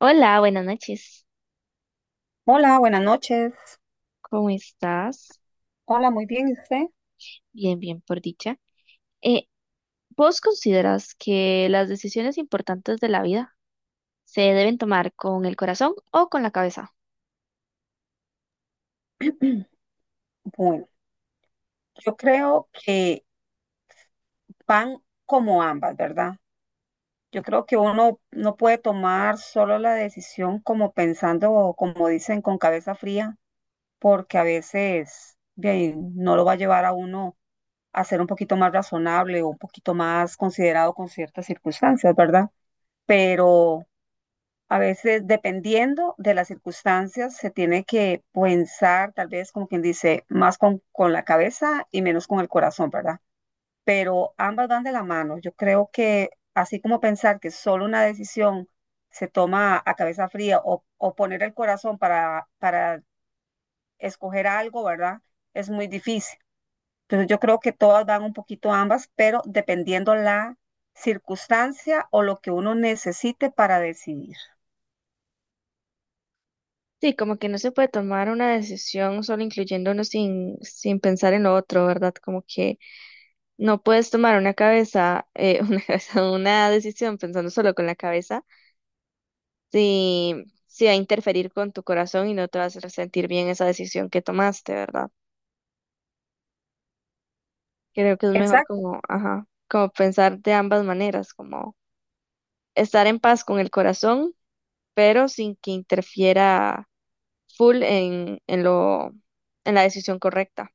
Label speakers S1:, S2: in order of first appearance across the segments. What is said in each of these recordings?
S1: Hola, buenas noches.
S2: Hola, buenas noches.
S1: ¿Cómo estás?
S2: Hola, muy bien, ¿y usted?
S1: Bien, bien, por dicha. Eh, ¿Vos consideras que las decisiones importantes de la vida se deben tomar con el corazón o con la cabeza?
S2: Bueno, yo creo que van como ambas, ¿verdad? Yo creo que uno no puede tomar solo la decisión como pensando o como dicen con cabeza fría, porque a veces bien, no lo va a llevar a uno a ser un poquito más razonable o un poquito más considerado con ciertas circunstancias, ¿verdad? Pero a veces, dependiendo de las circunstancias, se tiene que pensar, tal vez como quien dice, más con la cabeza y menos con el corazón, ¿verdad? Pero ambas van de la mano. Yo creo que así como pensar que solo una decisión se toma a cabeza fría o poner el corazón para escoger algo, ¿verdad? Es muy difícil. Entonces yo creo que todas van un poquito ambas, pero dependiendo la circunstancia o lo que uno necesite para decidir.
S1: Sí, como que no se puede tomar una decisión solo incluyéndonos sin pensar en lo otro, ¿verdad? Como que no puedes tomar una cabeza, una cabeza, una decisión pensando solo con la cabeza, si, si va a interferir con tu corazón y no te vas a hacer sentir bien esa decisión que tomaste, ¿verdad? Creo que es mejor
S2: Exacto.
S1: como, ajá, como pensar de ambas maneras, como estar en paz con el corazón, pero sin que interfiera full en en la decisión correcta.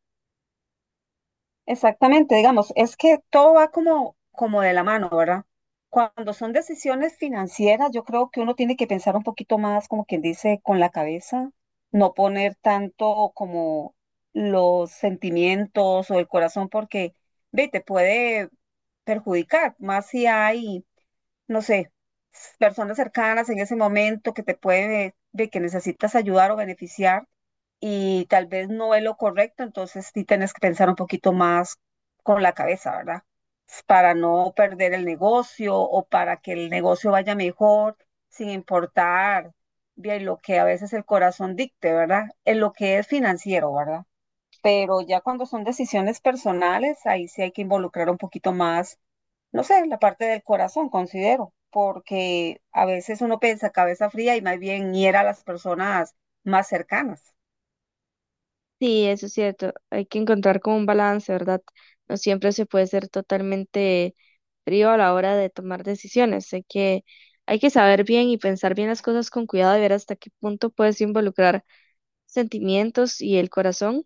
S2: Exactamente, digamos, es que todo va como de la mano, ¿verdad? Cuando son decisiones financieras, yo creo que uno tiene que pensar un poquito más, como quien dice, con la cabeza, no poner tanto como los sentimientos o el corazón, porque, ve, te puede perjudicar, más si hay, no sé, personas cercanas en ese momento que te puede, ve, que necesitas ayudar o beneficiar y tal vez no es lo correcto, entonces sí tienes que pensar un poquito más con la cabeza, ¿verdad? Para no perder el negocio o para que el negocio vaya mejor, sin importar bien lo que a veces el corazón dicte, ¿verdad? En lo que es financiero, ¿verdad? Pero ya cuando son decisiones personales, ahí sí hay que involucrar un poquito más, no sé, la parte del corazón, considero, porque a veces uno piensa cabeza fría y más bien hiera a las personas más cercanas.
S1: Sí, eso es cierto. Hay que encontrar como un balance, ¿verdad? No siempre se puede ser totalmente frío a la hora de tomar decisiones. Hay que saber bien y pensar bien las cosas con cuidado y ver hasta qué punto puedes involucrar sentimientos y el corazón,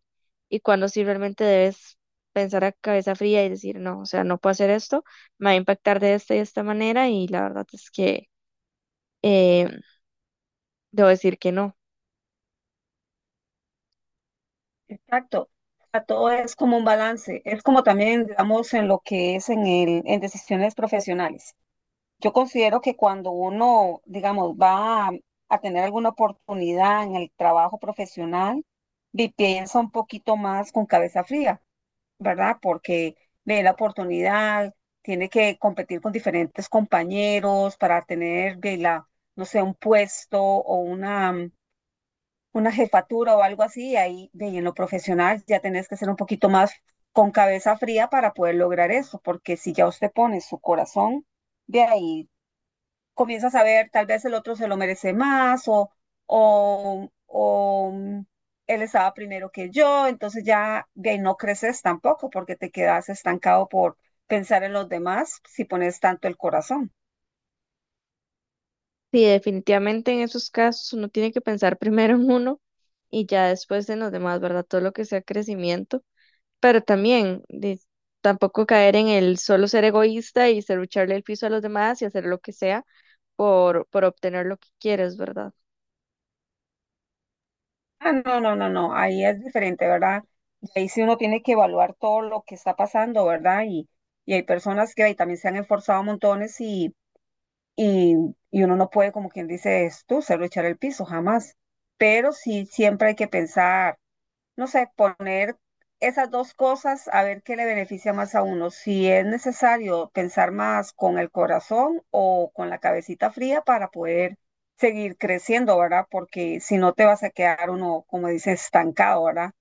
S1: y cuando sí realmente debes pensar a cabeza fría y decir, no, o sea, no puedo hacer esto, me va a impactar de esta y de esta manera, y la verdad es que eh, debo decir que no.
S2: Exacto. A todo es como un balance, es como también, digamos, en lo que es en decisiones profesionales. Yo considero que cuando uno, digamos, va a tener alguna oportunidad en el trabajo profesional, piensa un poquito más con cabeza fría, ¿verdad? Porque ve la oportunidad, tiene que competir con diferentes compañeros para tener, ve la, no sé, un puesto o una jefatura o algo así, y ahí ve, y en lo profesional ya tenés que ser un poquito más con cabeza fría para poder lograr eso, porque si ya usted pone su corazón, de ahí comienzas a ver, tal vez el otro se lo merece más o, él estaba primero que yo, entonces ya de ahí no creces tampoco porque te quedas estancado por pensar en los demás si pones tanto el corazón.
S1: Sí, definitivamente en esos casos uno tiene que pensar primero en uno y ya después en los demás, ¿verdad? Todo lo que sea crecimiento, pero también tampoco caer en el solo ser egoísta y ser echarle el piso a los demás y hacer lo que sea por obtener lo que quieres, ¿verdad?
S2: Ah, no, no, no, no, ahí es diferente, ¿verdad? Y ahí sí uno tiene que evaluar todo lo que está pasando, ¿verdad? Y y hay personas que ahí también se han esforzado montones, y, y uno no puede, como quien dice, es tú, se lo echar el piso, jamás. Pero sí, siempre hay que pensar, no sé, poner esas dos cosas a ver qué le beneficia más a uno. Si es necesario pensar más con el corazón o con la cabecita fría para poder seguir creciendo, ¿verdad? Porque si no te vas a quedar uno, como dice, estancado, ¿verdad?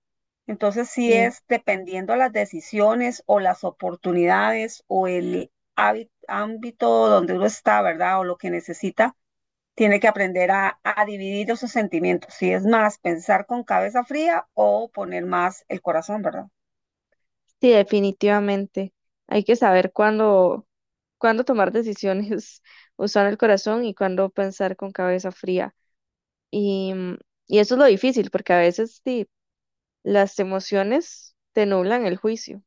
S2: Entonces sí
S1: Sí.
S2: es dependiendo las decisiones o las oportunidades o el ámbito donde uno está, ¿verdad? O lo que necesita tiene que aprender a dividir esos sentimientos. Si es más pensar con cabeza fría o poner más el corazón, ¿verdad?
S1: Sí, definitivamente. Hay que saber cuándo, cuándo tomar decisiones usando el corazón y cuándo pensar con cabeza fría. Y, mm, y eso es lo difícil, porque a veces sí, las emociones te nublan el juicio.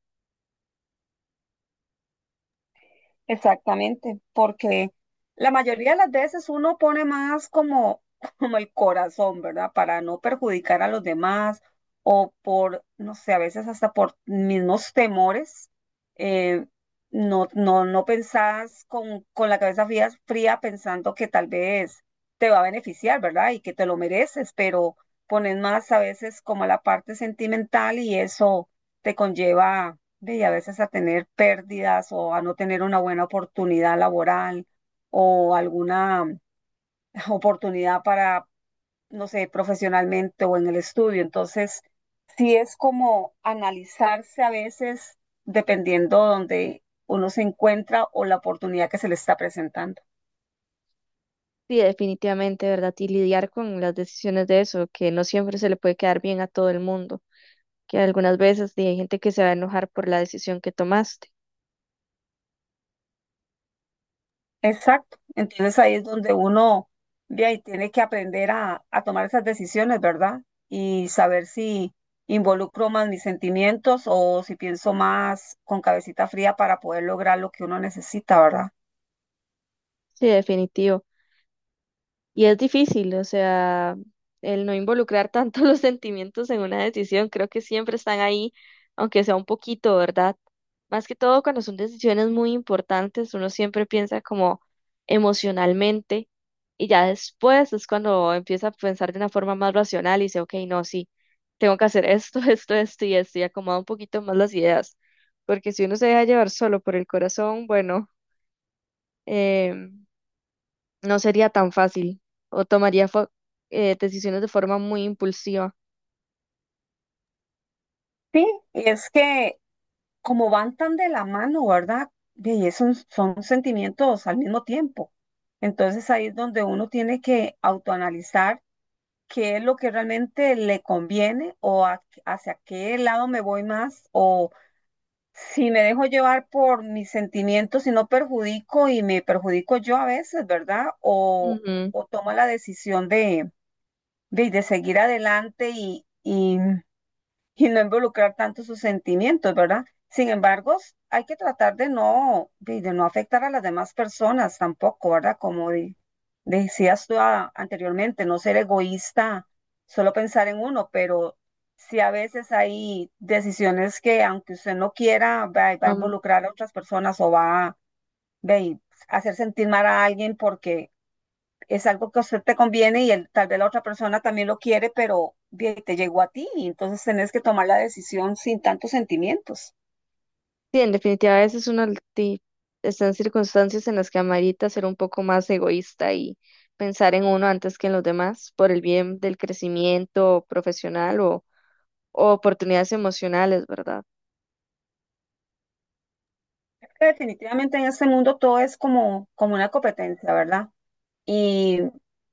S2: Exactamente, porque la mayoría de las veces uno pone más como, como el corazón, ¿verdad? Para no perjudicar a los demás o por, no sé, a veces hasta por mismos temores, eh, no pensás con la cabeza fría, fría pensando que tal vez te va a beneficiar, ¿verdad? Y que te lo mereces, pero pones más a veces como la parte sentimental y eso te conlleva. Ve, y a veces a tener pérdidas o a no tener una buena oportunidad laboral o alguna oportunidad para, no sé, profesionalmente o en el estudio. Entonces, sí es como analizarse a veces dependiendo donde uno se encuentra o la oportunidad que se le está presentando.
S1: Sí, definitivamente, ¿verdad? Y lidiar con las decisiones de eso, que no siempre se le puede quedar bien a todo el mundo, que algunas veces sí, hay gente que se va a enojar por la decisión que tomaste.
S2: Exacto. Entonces ahí es donde uno ve ahí tiene que aprender a tomar esas decisiones, ¿verdad? Y saber si involucro más mis sentimientos o si pienso más con cabecita fría para poder lograr lo que uno necesita, ¿verdad?
S1: Sí, definitivo. Y es difícil, o sea, el no involucrar tanto los sentimientos en una decisión, creo que siempre están ahí, aunque sea un poquito, ¿verdad? Más que todo cuando son decisiones muy importantes, uno siempre piensa como emocionalmente y ya después es cuando empieza a pensar de una forma más racional y dice, ok, no, sí, tengo que hacer esto, esto y esto y acomoda un poquito más las ideas, porque si uno se deja llevar solo por el corazón, bueno, em, no sería tan fácil o tomaría decisiones de forma muy impulsiva.
S2: Sí, y es que como van tan de la mano, ¿verdad? Ve, y es son sentimientos al mismo tiempo. Entonces ahí es donde uno tiene que autoanalizar qué es lo que realmente le conviene o hacia qué lado me voy más, o si me dejo llevar por mis sentimientos y no perjudico y me perjudico yo a veces, ¿verdad? O
S1: Ujú,
S2: o tomo la decisión de seguir adelante y no involucrar tanto sus sentimientos, ¿verdad? Sin embargo, hay que tratar de no, de no afectar a las demás personas tampoco, ¿verdad? Como decías tú anteriormente, no ser egoísta, solo pensar en uno, pero sí a veces hay decisiones que aunque usted no quiera, va a
S1: am,
S2: involucrar a otras personas o va a, ve, hacer sentir mal a alguien porque es algo que a usted te conviene y tal vez la otra persona también lo quiere, pero bien, te llegó a ti y entonces tenés que tomar la decisión sin tantos sentimientos.
S1: sí, en definitiva, a veces uno está en circunstancias en las que amerita ser un poco más egoísta y pensar en uno antes que en los demás por el bien del crecimiento profesional o oportunidades emocionales, ¿verdad?
S2: Que definitivamente en este mundo todo es como una competencia, ¿verdad? Y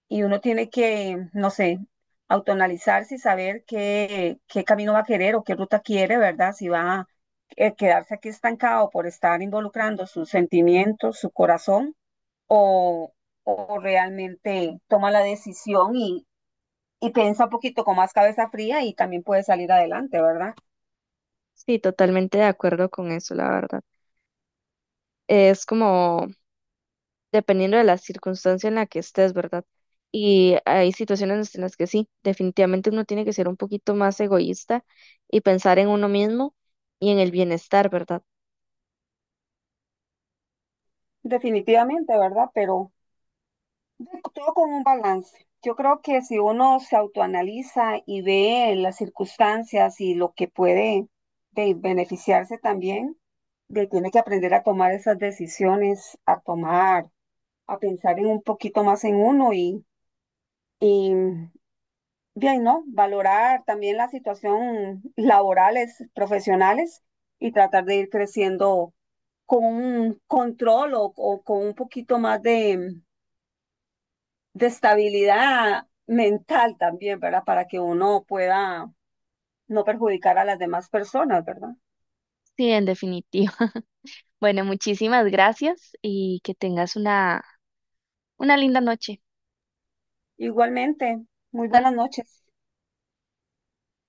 S2: y uno tiene que, no sé, autonalizarse y saber qué, qué camino va a querer o qué ruta quiere, ¿verdad? Si va a quedarse aquí estancado por estar involucrando sus sentimientos, su corazón, o, o realmente toma la decisión y piensa un poquito con más cabeza fría y también puede salir adelante, ¿verdad?
S1: Sí, totalmente de acuerdo con eso, la verdad. Es como dependiendo de la circunstancia en la que estés, ¿verdad? Y hay situaciones en las que sí, definitivamente uno tiene que ser un poquito más egoísta y pensar en uno mismo y en el bienestar, ¿verdad?
S2: Definitivamente, ¿verdad? Pero todo con un balance. Yo creo que si uno se autoanaliza y ve las circunstancias y lo que puede de beneficiarse también, de, tiene que aprender a tomar esas decisiones, a tomar, a pensar en un poquito más en uno y bien, ¿no? Valorar también la situación laborales, profesionales y tratar de ir creciendo con un control o con un poquito más de estabilidad mental también, ¿verdad? Para que uno pueda no perjudicar a las demás personas, ¿verdad?
S1: Sí, en definitiva. Bueno, muchísimas gracias y que tengas una linda noche.
S2: Igualmente, muy buenas noches.